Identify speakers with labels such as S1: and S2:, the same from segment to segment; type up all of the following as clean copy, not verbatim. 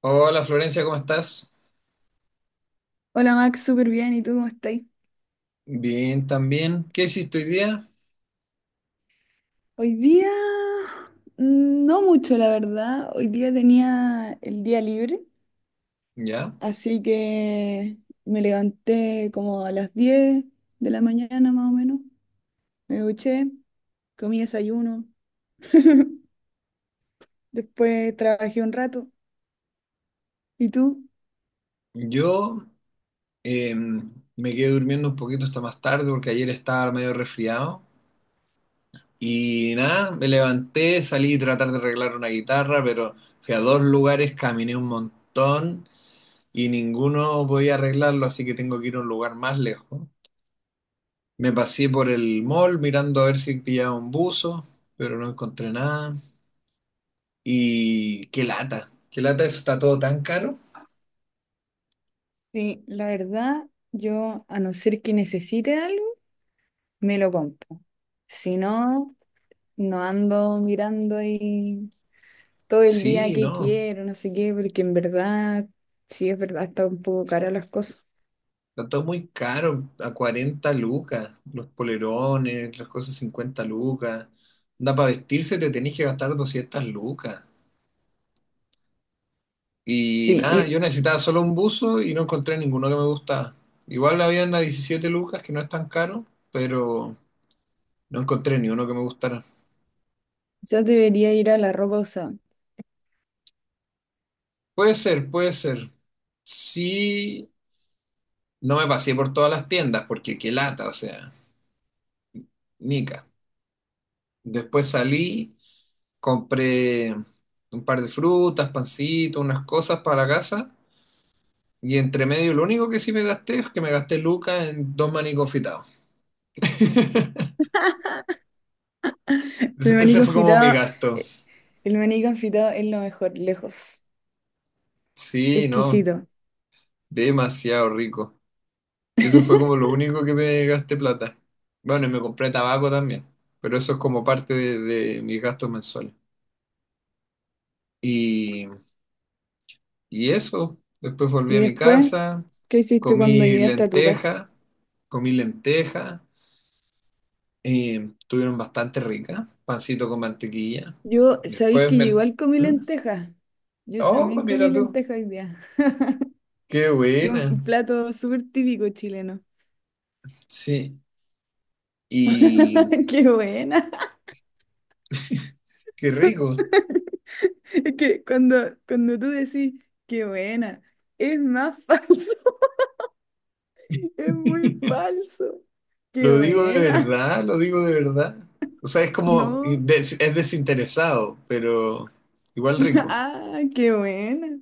S1: Hola Florencia, ¿cómo estás?
S2: Hola Max, súper bien. ¿Y tú cómo estás?
S1: Bien, también. ¿Qué hiciste hoy día?
S2: Hoy día, no mucho, la verdad. Hoy día tenía el día libre,
S1: Ya.
S2: así que me levanté como a las 10 de la mañana más o menos. Me duché, comí desayuno, después trabajé un rato. ¿Y tú?
S1: Yo me quedé durmiendo un poquito hasta más tarde porque ayer estaba medio resfriado. Y nada, me levanté, salí a tratar de arreglar una guitarra, pero fui a dos lugares, caminé un montón y ninguno podía arreglarlo, así que tengo que ir a un lugar más lejos. Me pasé por el mall mirando a ver si pillaba un buzo, pero no encontré nada. Y qué lata, eso está todo tan caro.
S2: Sí, la verdad, yo a no ser que necesite algo, me lo compro. Si no, no ando mirando ahí todo el día
S1: Sí,
S2: que
S1: no,
S2: quiero, no sé qué, porque en verdad, sí es verdad, está un poco cara las cosas.
S1: está todo muy caro, a 40 lucas, los polerones, las cosas 50 lucas. Da para vestirse te tenés que gastar 200 lucas. Y
S2: Sí,
S1: nada,
S2: y
S1: yo necesitaba solo un buzo y no encontré ninguno que me gustaba. Igual habían a 17 lucas, que no es tan caro, pero no encontré ni uno que me gustara.
S2: yo debería ir a la ropa usada.
S1: Puede ser, puede ser. Sí, no me pasé por todas las tiendas, porque qué lata, o sea, nica. Después salí. Compré un par de frutas, pancito, unas cosas para la casa. Y entre medio, lo único que sí me gasté es que me gasté lucas en dos maní confitados. Ese
S2: El maní
S1: ese fue como mi
S2: confitado,
S1: gasto.
S2: eh, el maní confitado es lo mejor, lejos,
S1: Sí, no,
S2: exquisito.
S1: demasiado rico. Y eso fue como lo único que me gasté plata. Bueno, y me compré tabaco también, pero eso es como parte de mis gastos mensuales. Y, y eso, después volví
S2: Y
S1: a mi
S2: después,
S1: casa,
S2: ¿qué hiciste cuando
S1: comí
S2: llegaste a tu casa?
S1: lenteja, comí lenteja, eh, tuvieron bastante rica, pancito con mantequilla.
S2: Yo, ¿sabéis
S1: Después
S2: que yo
S1: me...
S2: igual comí
S1: ¿Mm?
S2: lentejas? Yo
S1: Oh,
S2: también comí
S1: mira tú,
S2: lentejas hoy día,
S1: qué
S2: que es
S1: buena.
S2: un plato súper típico chileno.
S1: Sí, y
S2: ¡Qué buena!
S1: qué rico.
S2: Es que cuando tú decís, qué buena, es más falso, es muy falso. Qué
S1: Lo digo de
S2: buena,
S1: verdad, lo digo de verdad. O sea, es como,
S2: no,
S1: es desinteresado, pero igual rico.
S2: ah, qué buena.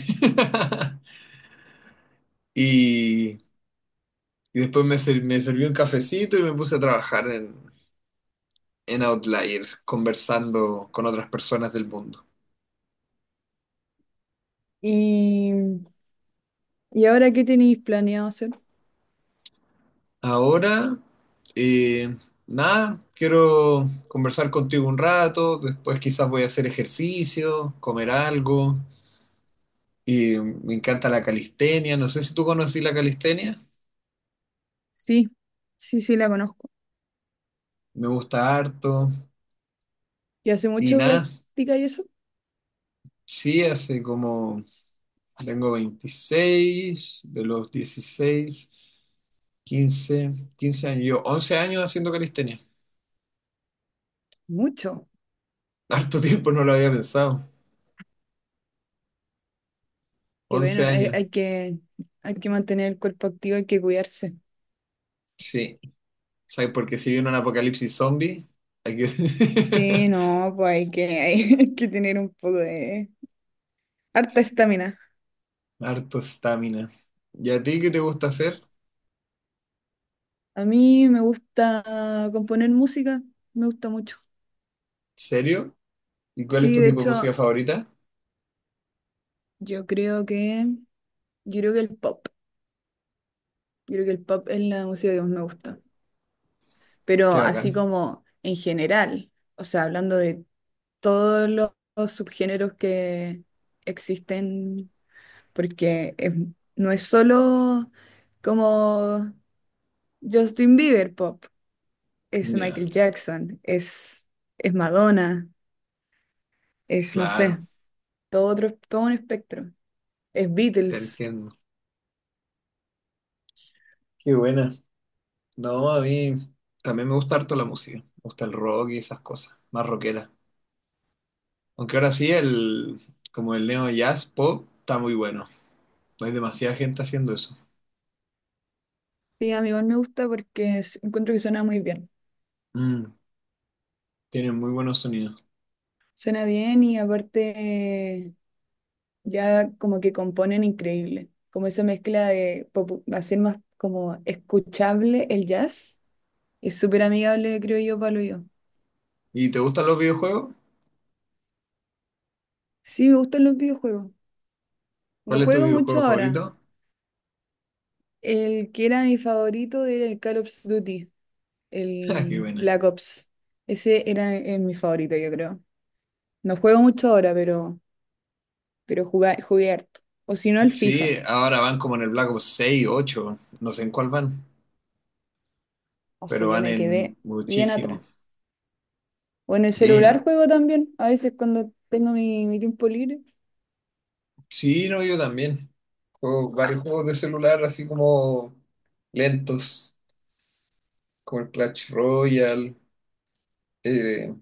S1: Y, y después me sirvió un cafecito y me puse a trabajar en Outlier, conversando con otras personas del mundo.
S2: ¿Y, y ahora qué tenéis planeado hacer?
S1: Ahora, eh, nada, quiero conversar contigo un rato, después quizás voy a hacer ejercicio, comer algo, y me encanta la calistenia, no sé si tú conocí la calistenia,
S2: Sí, sí, sí, la conozco.
S1: me gusta harto,
S2: ¿Y hace
S1: y
S2: mucho
S1: nada,
S2: práctica y eso?
S1: sí, hace como, tengo 26 de los 16 quince años, yo 11 años haciendo calistenia,
S2: Mucho.
S1: harto tiempo no lo había pensado,
S2: Que bueno,
S1: 11
S2: hay,
S1: años,
S2: hay que mantener el cuerpo activo, hay que cuidarse.
S1: sí. ¿Sabes? Porque si viene un apocalipsis zombie, hay que...
S2: Sí, no, pues hay que, hay que tener un poco de harta estamina.
S1: Harto estamina. ¿Y a ti qué te gusta hacer?
S2: A mí me gusta componer música, me gusta mucho.
S1: ¿Serio? ¿Y cuál es
S2: Sí,
S1: tu
S2: de
S1: tipo de música
S2: hecho,
S1: favorita?
S2: yo creo que, yo creo que el pop, yo creo que el pop es la música que más me gusta. Pero
S1: Qué
S2: así
S1: bacán.
S2: como en general, o sea, hablando de todos los subgéneros que existen, porque no es solo como Justin Bieber pop, es
S1: Ya,
S2: Michael Jackson, es Madonna, es, no
S1: claro,
S2: sé, todo un espectro. Es
S1: te
S2: Beatles.
S1: entiendo. Qué buena. No, a mí también me gusta harto la música. Me gusta el rock y esas cosas, más rockera. Aunque ahora sí, el, como el neo jazz pop está muy bueno. No hay demasiada gente haciendo eso.
S2: Sí, a mí igual me gusta porque encuentro que suena muy bien.
S1: Mm, tienen muy buenos sonidos.
S2: Suena bien y aparte ya como que componen increíble. Como esa mezcla de hacer más como escuchable el jazz es súper amigable, creo yo, para lo yo.
S1: ¿Y te gustan los videojuegos?
S2: Sí, me gustan los videojuegos. No
S1: ¿Cuál es tu
S2: juego mucho
S1: videojuego
S2: ahora.
S1: favorito?
S2: El que era mi favorito era el Call of Duty,
S1: Ah, qué
S2: el
S1: buena.
S2: Black Ops. Ese era mi favorito, yo creo. No juego mucho ahora, pero jugué harto. O si no, el
S1: Sí,
S2: FIFA.
S1: ahora van como en el Black Ops 6, 8, no sé en cuál van,
S2: O sea,
S1: pero
S2: yo
S1: van
S2: me
S1: en
S2: quedé bien
S1: muchísimo.
S2: atrás. O en el
S1: Sí,
S2: celular
S1: no,
S2: juego también, a veces cuando tengo mi tiempo libre.
S1: sí, no, yo también. Juego varios juegos de celular así como lentos, como el Clash Royale, eh,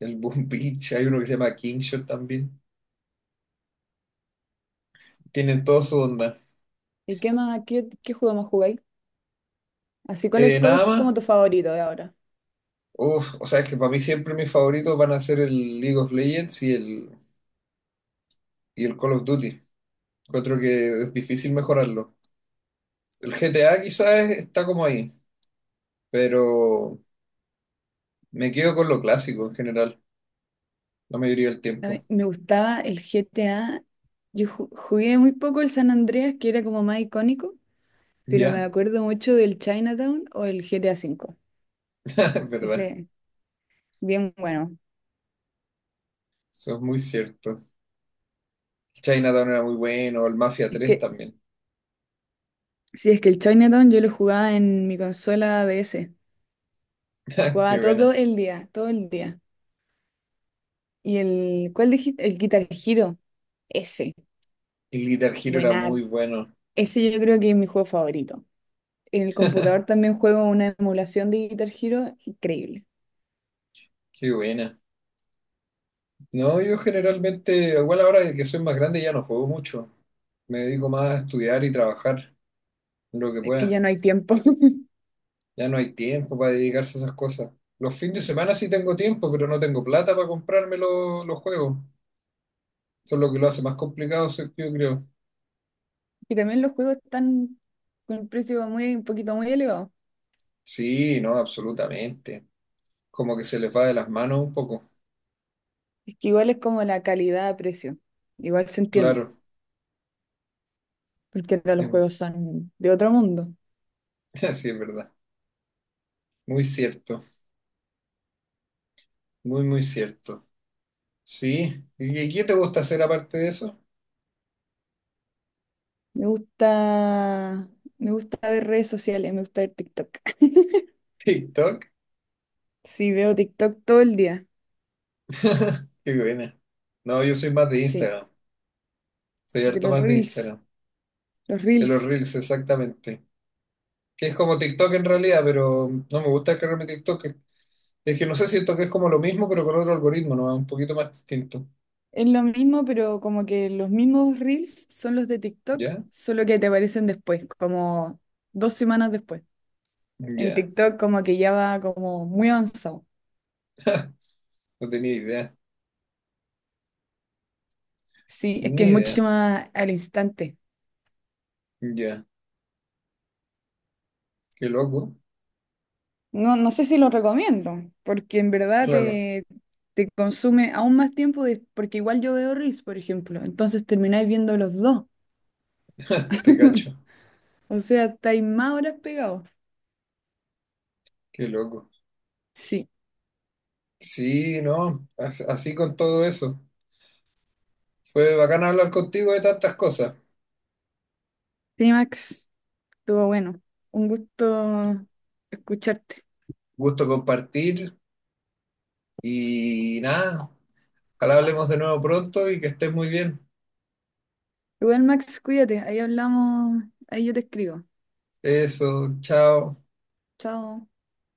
S1: el Boom Beach, hay uno que se llama Kingshot también. Tienen toda su onda.
S2: ¿Y qué más, qué juego más jugáis? Así, ¿cuál es
S1: Nada más,
S2: como tu favorito de ahora?
S1: uf, o sea, es que para mí siempre mis favoritos van a ser el League of Legends y el Call of Duty. Encuentro que es difícil mejorarlo. El GTA quizás está como ahí, pero me quedo con lo clásico en general, la mayoría del
S2: A
S1: tiempo.
S2: mí me gustaba el GTA. Yo jugué muy poco el San Andreas, que era como más icónico, pero me
S1: ¿Ya?
S2: acuerdo mucho del Chinatown o el GTA V.
S1: Es verdad,
S2: Ese, bien bueno.
S1: eso es muy cierto. El Chinatown era muy bueno, el Mafia
S2: Es
S1: tres
S2: que,
S1: también.
S2: sí, es que el Chinatown yo lo jugaba en mi consola DS.
S1: Qué
S2: Jugaba todo
S1: buena.
S2: el día, todo el día. ¿Y el, cuál dijiste? El Guitar Hero. Ese,
S1: El Guitar Hero era
S2: buenard.
S1: muy bueno.
S2: Ese yo creo que es mi juego favorito. En el computador también juego una emulación de Guitar Hero, increíble.
S1: Qué buena. No, yo generalmente, igual ahora que soy más grande ya no juego mucho. Me dedico más a estudiar y trabajar lo que
S2: Es que
S1: pueda.
S2: ya no hay tiempo.
S1: Ya no hay tiempo para dedicarse a esas cosas. Los fines de semana sí tengo tiempo, pero no tengo plata para comprarme los juegos. Eso es lo que lo hace más complicado, sí, yo creo.
S2: Y también los juegos están con un precio muy, un poquito muy elevado.
S1: Sí, no, absolutamente. Como que se les va de las manos un poco.
S2: Es que igual es como la calidad a precio. Igual se entiende,
S1: Claro,
S2: porque ahora los
S1: em,
S2: juegos son de otro mundo.
S1: sí, es verdad. Muy cierto, muy, muy cierto. Sí, ¿y qué te gusta hacer aparte de eso?
S2: Me gusta, me gusta ver redes sociales, me gusta ver TikTok.
S1: TikTok.
S2: Sí, veo TikTok todo el día.
S1: Qué buena. No, yo soy más de
S2: Sí,
S1: Instagram. Soy
S2: de
S1: harto
S2: los
S1: más de
S2: reels.
S1: Instagram.
S2: Los
S1: De los
S2: reels.
S1: Reels, exactamente. Que es como TikTok en realidad, pero no me gusta cargarme TikTok. Es que no sé, siento que es como lo mismo, pero con otro algoritmo, ¿no? Un poquito más distinto.
S2: Es lo mismo, pero como que los mismos reels son los de TikTok,
S1: ¿Ya?
S2: solo que te aparecen después, como dos semanas después. En
S1: Ya.
S2: TikTok como que ya va como muy avanzado.
S1: No tenía idea.
S2: Sí, es que
S1: Ni
S2: es mucho
S1: idea.
S2: más al instante.
S1: Ya. Qué loco.
S2: No, no sé si lo recomiendo, porque en verdad
S1: Claro.
S2: te, te consume aún más tiempo, de- porque igual yo veo reels, por ejemplo, entonces termináis viendo los dos.
S1: Te cacho.
S2: O sea, estáis más horas pegados.
S1: Qué loco.
S2: Sí.
S1: Sí, no. Así con todo eso. Fue bacán hablar contigo de tantas cosas.
S2: Sí, Max, estuvo bueno. Un gusto escucharte.
S1: Gusto compartir. Y nada. Ojalá hablemos de nuevo pronto y que estés muy bien.
S2: Igual, Max, cuídate. Ahí hablamos, ahí yo te escribo.
S1: Eso. Chao.
S2: Chao.